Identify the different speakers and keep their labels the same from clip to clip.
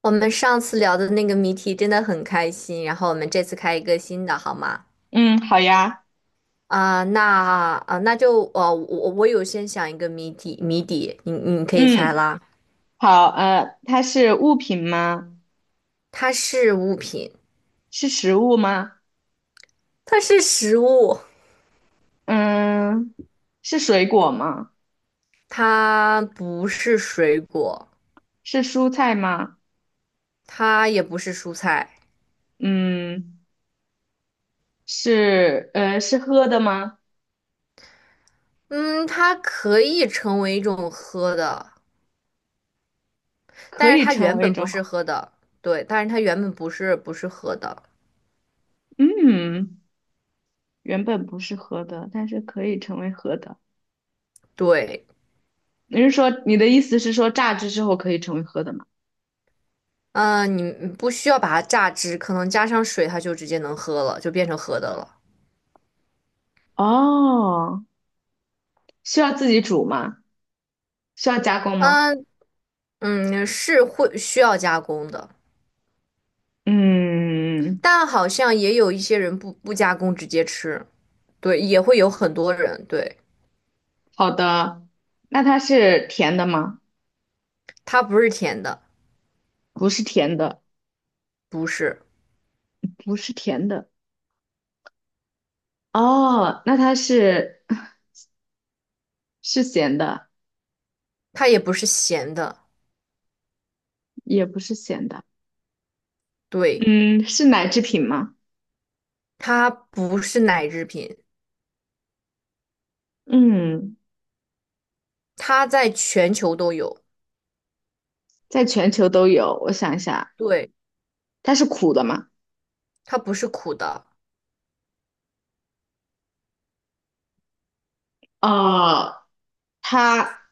Speaker 1: 我们上次聊的那个谜题真的很开心，然后我们这次开一个新的，好吗？
Speaker 2: 嗯，好呀。
Speaker 1: 啊、那啊、那就呃，我有先想一个谜底，你可以猜
Speaker 2: 嗯，
Speaker 1: 啦。
Speaker 2: 好，它是物品吗？
Speaker 1: 它是物品，
Speaker 2: 是食物吗？
Speaker 1: 它是食物，
Speaker 2: 嗯，是水果吗？
Speaker 1: 它不是水果，
Speaker 2: 是蔬菜吗？
Speaker 1: 它也不是蔬菜。
Speaker 2: 嗯，是喝的吗？
Speaker 1: 嗯，它可以成为一种喝的，
Speaker 2: 可
Speaker 1: 但是
Speaker 2: 以
Speaker 1: 它
Speaker 2: 成
Speaker 1: 原
Speaker 2: 为一
Speaker 1: 本不
Speaker 2: 种。
Speaker 1: 是喝的。对，但是它原本不是喝的。
Speaker 2: 嗯，原本不是喝的，但是可以成为喝的。
Speaker 1: 对。
Speaker 2: 你是说你的意思是说榨汁之后可以成为喝的吗？
Speaker 1: 你不需要把它榨汁，可能加上水，它就直接能喝了，就变成喝的了。
Speaker 2: 哦，需要自己煮吗？需要加工吗？
Speaker 1: 嗯是会需要加工的，
Speaker 2: 嗯，
Speaker 1: 但好像也有一些人不加工直接吃，对，也会有很多人，对。
Speaker 2: 好的。那它是甜的吗？
Speaker 1: 它不是甜的，
Speaker 2: 不是甜的，
Speaker 1: 不是，
Speaker 2: 不是甜的。哦，那它是咸的，
Speaker 1: 它也不是咸的，
Speaker 2: 也不是咸的。
Speaker 1: 对。
Speaker 2: 嗯，是奶制品吗？
Speaker 1: 它不是奶制品，
Speaker 2: 嗯，
Speaker 1: 它在全球都有。
Speaker 2: 在全球都有。我想一下，
Speaker 1: 对，
Speaker 2: 它是苦的吗？
Speaker 1: 它不是苦的。
Speaker 2: 哦，它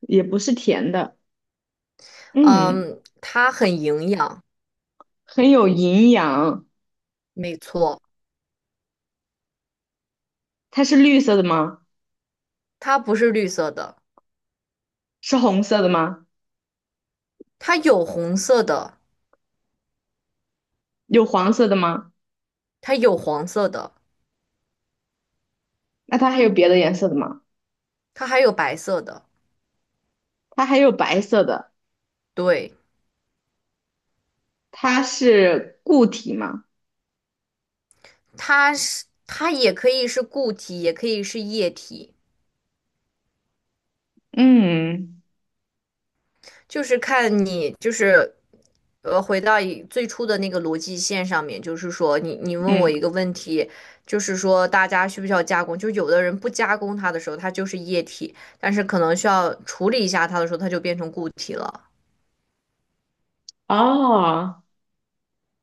Speaker 2: 也不是甜的。嗯，
Speaker 1: 嗯，它很营养。
Speaker 2: 很有营养。
Speaker 1: 没错，
Speaker 2: 它是绿色的吗？
Speaker 1: 它不是绿色的。
Speaker 2: 是红色的吗？
Speaker 1: 它有红色的，
Speaker 2: 有黄色的吗？
Speaker 1: 它有黄色的，
Speaker 2: 那它还有别的颜色的吗？
Speaker 1: 它还有白色的。
Speaker 2: 它还有白色的。
Speaker 1: 对，
Speaker 2: 它是固体吗？
Speaker 1: 它也可以是固体，也可以是液体，
Speaker 2: 嗯
Speaker 1: 就是看你就是呃回到以最初的那个逻辑线上面，就是说你问我
Speaker 2: 嗯。
Speaker 1: 一个问题，就是说大家需不需要加工？就有的人不加工它的时候，它就是液体，但是可能需要处理一下它的时候，它就变成固体了。
Speaker 2: 哦，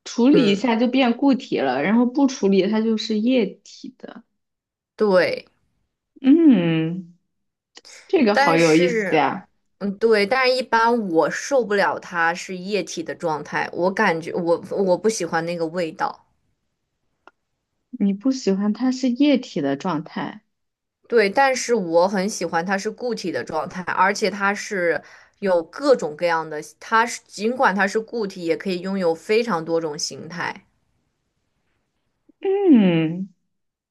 Speaker 2: 处理一
Speaker 1: 嗯，
Speaker 2: 下就变固体了，然后不处理它就是液体的。
Speaker 1: 对。
Speaker 2: 嗯，这个好
Speaker 1: 但
Speaker 2: 有意思
Speaker 1: 是，
Speaker 2: 呀！
Speaker 1: 嗯，对，但是一般我受不了它是液体的状态，我感觉我不喜欢那个味道。
Speaker 2: 你不喜欢它是液体的状态。
Speaker 1: 对，但是我很喜欢它是固体的状态，而且有各种各样的，尽管它是固体，也可以拥有非常多种形态。
Speaker 2: 嗯，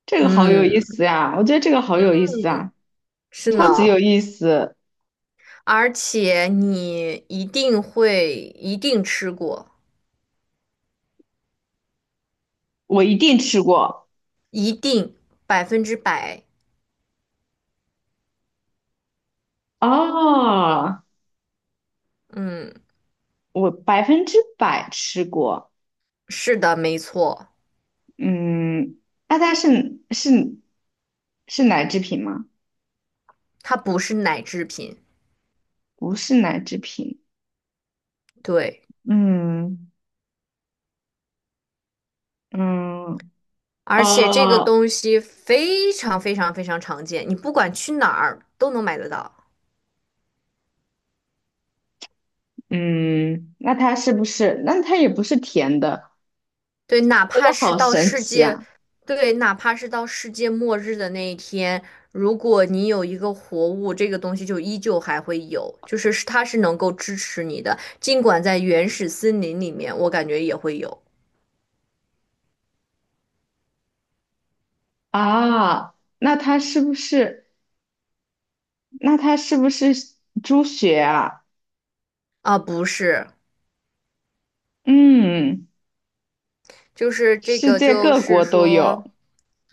Speaker 2: 这个好有意
Speaker 1: 嗯，
Speaker 2: 思呀！我觉得这个好有意思啊，
Speaker 1: 是
Speaker 2: 超级
Speaker 1: 呢，
Speaker 2: 有意思，
Speaker 1: 而且你一定吃过，
Speaker 2: 我一定吃过。
Speaker 1: 一定100%。
Speaker 2: 哦，
Speaker 1: 嗯，
Speaker 2: 我百分之百吃过。
Speaker 1: 是的，没错，
Speaker 2: 嗯，那它是是奶制品吗？
Speaker 1: 它不是奶制品。
Speaker 2: 不是奶制品。
Speaker 1: 对，
Speaker 2: 嗯嗯，
Speaker 1: 而且这个
Speaker 2: 哦
Speaker 1: 东西非常非常非常常见，你不管去哪儿都能买得到。
Speaker 2: 嗯，那它是不是？那它也不是甜的，
Speaker 1: 对，哪
Speaker 2: 我觉
Speaker 1: 怕
Speaker 2: 得
Speaker 1: 是
Speaker 2: 好
Speaker 1: 到
Speaker 2: 神
Speaker 1: 世
Speaker 2: 奇
Speaker 1: 界，
Speaker 2: 啊！
Speaker 1: 对，哪怕是到世界末日的那一天，如果你有一个活物，这个东西就依旧还会有，就是它是能够支持你的，尽管在原始森林里面，我感觉也会有。
Speaker 2: 啊，那它是不是？那它是不是猪血啊？
Speaker 1: 啊，不是。
Speaker 2: 嗯，
Speaker 1: 就是这
Speaker 2: 世
Speaker 1: 个，
Speaker 2: 界
Speaker 1: 就
Speaker 2: 各
Speaker 1: 是
Speaker 2: 国都
Speaker 1: 说，
Speaker 2: 有。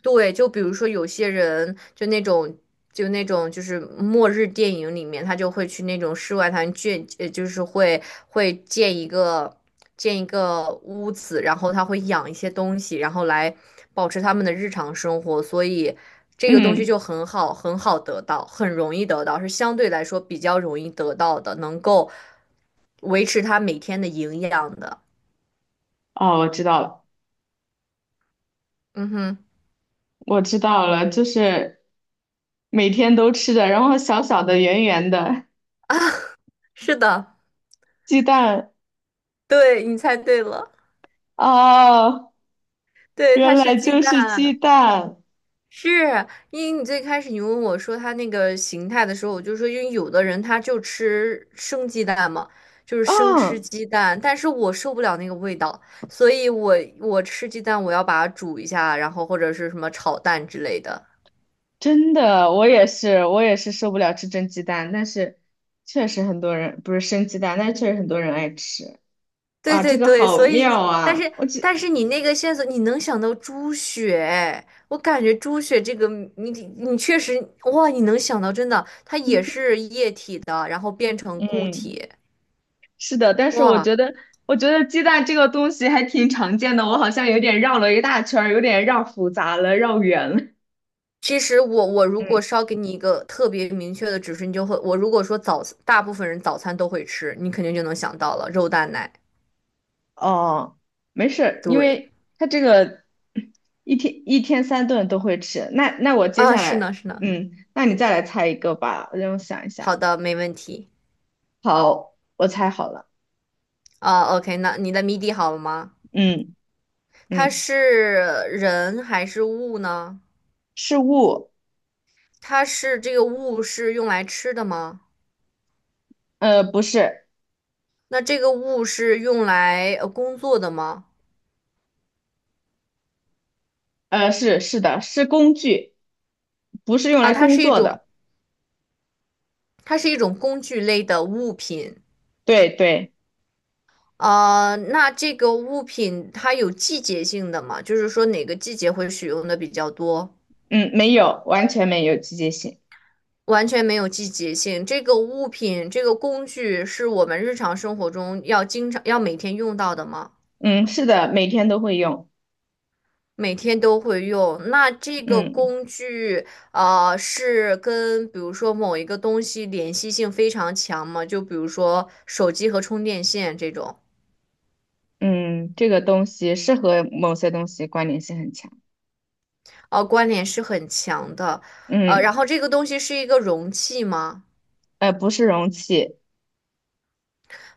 Speaker 1: 对，就比如说有些人就那种，就是末日电影里面，他就会去那种世外桃源建，呃，就是会会建一个建一个屋子，然后他会养一些东西，然后来保持他们的日常生活，所以这个东西
Speaker 2: 嗯，
Speaker 1: 就很好，很好得到，很容易得到，是相对来说比较容易得到的，能够维持他每天的营养的。
Speaker 2: 哦，我知道了，
Speaker 1: 嗯哼，
Speaker 2: 我知道了，就是每天都吃的，然后小小的、圆圆的
Speaker 1: 是的。
Speaker 2: 鸡蛋。
Speaker 1: 对，你猜对了，
Speaker 2: 哦，
Speaker 1: 对，它
Speaker 2: 原
Speaker 1: 是
Speaker 2: 来
Speaker 1: 鸡
Speaker 2: 就是鸡
Speaker 1: 蛋。
Speaker 2: 蛋。
Speaker 1: 是，因为你最开始你问我说它那个形态的时候，我就说，因为有的人他就吃生鸡蛋嘛，就是生吃
Speaker 2: 嗯，
Speaker 1: 鸡蛋，但是我受不了那个味道，所以我吃鸡蛋我要把它煮一下，然后或者是什么炒蛋之类的。
Speaker 2: 真的，我也是，我也是受不了吃蒸鸡蛋，但是确实很多人不是生鸡蛋，但是确实很多人爱吃。
Speaker 1: 对
Speaker 2: 哇，
Speaker 1: 对
Speaker 2: 这个
Speaker 1: 对，
Speaker 2: 好
Speaker 1: 所以
Speaker 2: 妙
Speaker 1: 你，
Speaker 2: 啊！我觉，
Speaker 1: 但是你那个线索，你能想到猪血，我感觉猪血这个你你确实哇，你能想到真的，它也是液体的，然后变成固
Speaker 2: 嗯，
Speaker 1: 体，
Speaker 2: 是的，但是我
Speaker 1: 哇。
Speaker 2: 觉得，我觉得鸡蛋这个东西还挺常见的，我好像有点绕了一大圈儿有点绕复杂了，绕远了。
Speaker 1: 其实我如
Speaker 2: 嗯，
Speaker 1: 果稍给你一个特别明确的指示，你就会，我如果说早，大部分人早餐都会吃，你肯定就能想到了肉蛋奶。
Speaker 2: 哦，没事儿因
Speaker 1: 对。
Speaker 2: 为他这个一天一天三顿都会吃。那那我接
Speaker 1: 啊，
Speaker 2: 下
Speaker 1: 是
Speaker 2: 来，
Speaker 1: 呢是呢，
Speaker 2: 嗯，那你再来猜一个吧，让我想一下。
Speaker 1: 好的，没问题。
Speaker 2: 好，我猜好了。
Speaker 1: 啊，OK,那你的谜底好了吗？
Speaker 2: 嗯
Speaker 1: 它
Speaker 2: 嗯，
Speaker 1: 是人还是物呢？
Speaker 2: 是物。
Speaker 1: 它是这个物是用来吃的吗？
Speaker 2: 不是。
Speaker 1: 那这个物是用来工作的吗？
Speaker 2: 是的，是工具，不是用
Speaker 1: 啊，
Speaker 2: 来
Speaker 1: 它
Speaker 2: 工
Speaker 1: 是一
Speaker 2: 作
Speaker 1: 种，
Speaker 2: 的。
Speaker 1: 它是一种工具类的物品。
Speaker 2: 对对。
Speaker 1: 呃，那这个物品它有季节性的吗？就是说哪个季节会使用的比较多？
Speaker 2: 嗯，没有，完全没有季节性。
Speaker 1: 完全没有季节性。这个物品，这个工具是我们日常生活中要经常每天用到的吗？
Speaker 2: 嗯，是的，每天都会用。
Speaker 1: 每天都会用。那这个
Speaker 2: 嗯
Speaker 1: 工具，是跟比如说某一个东西联系性非常强吗？就比如说手机和充电线这种，
Speaker 2: 嗯，这个东西是和某些东西关联性很强。
Speaker 1: 呃，关联是很强的。呃，
Speaker 2: 嗯。
Speaker 1: 然后这个东西是一个容器吗？
Speaker 2: 不是容器。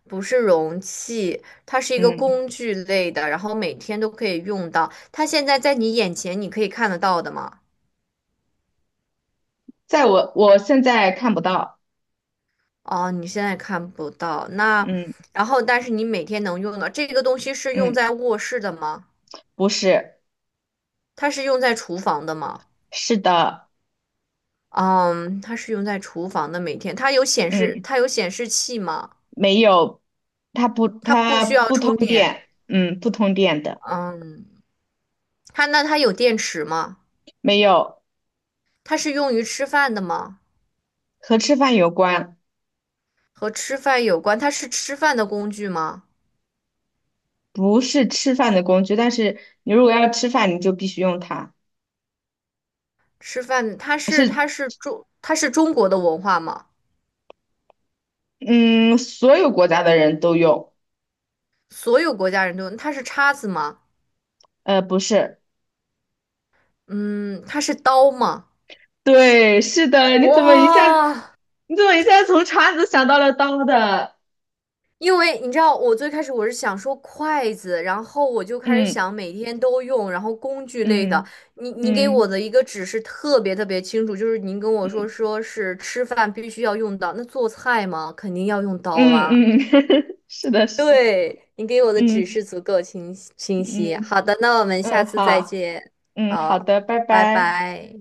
Speaker 1: 不是容器，它是一个
Speaker 2: 嗯，
Speaker 1: 工具类的，然后每天都可以用到。它现在在你眼前，你可以看得到的吗？
Speaker 2: 在我现在看不到。
Speaker 1: 哦，你现在看不到。那，
Speaker 2: 嗯
Speaker 1: 然后但是你每天能用的这个东西是用
Speaker 2: 嗯，
Speaker 1: 在卧室的吗？
Speaker 2: 不是。
Speaker 1: 它是用在厨房的吗？
Speaker 2: 是的。
Speaker 1: 嗯，它是用在厨房的，每天它有显示，
Speaker 2: 嗯。
Speaker 1: 它有显示器吗？
Speaker 2: 没有，它不，
Speaker 1: 它不
Speaker 2: 它
Speaker 1: 需要
Speaker 2: 不通
Speaker 1: 充电。
Speaker 2: 电，嗯，不通电的。
Speaker 1: 嗯，它那它有电池吗？
Speaker 2: 没有。
Speaker 1: 它是用于吃饭的吗？
Speaker 2: 和吃饭有关。
Speaker 1: 和吃饭有关，它是吃饭的工具吗？
Speaker 2: 不是吃饭的工具，但是你如果要吃饭，你就必须用它。
Speaker 1: 吃饭，它是
Speaker 2: 是。
Speaker 1: 它是中国的文化吗？
Speaker 2: 嗯，所有国家的人都用。
Speaker 1: 所有国家人都用，它是叉子吗？
Speaker 2: 不是。
Speaker 1: 嗯，它是刀吗？
Speaker 2: 对，是的，你怎么一下，
Speaker 1: 哇、
Speaker 2: 你怎么一下从叉子想到了刀的？
Speaker 1: 因为你知道，我最开始我是想说筷子，然后我就开始
Speaker 2: 嗯
Speaker 1: 想每天都用，然后工具类的。
Speaker 2: 嗯
Speaker 1: 你给我
Speaker 2: 嗯
Speaker 1: 的一个指示特别特别清楚，就是您跟我说
Speaker 2: 嗯
Speaker 1: 说是吃饭必须要用到，那做菜嘛，肯定要用刀啦。
Speaker 2: 嗯嗯，是的，是的。
Speaker 1: 对，你给我的指
Speaker 2: 嗯
Speaker 1: 示足够清晰。
Speaker 2: 嗯
Speaker 1: 好的，那我们下
Speaker 2: 嗯，
Speaker 1: 次再
Speaker 2: 好。
Speaker 1: 见。
Speaker 2: 嗯，好
Speaker 1: 好，
Speaker 2: 的，拜
Speaker 1: 拜
Speaker 2: 拜。
Speaker 1: 拜。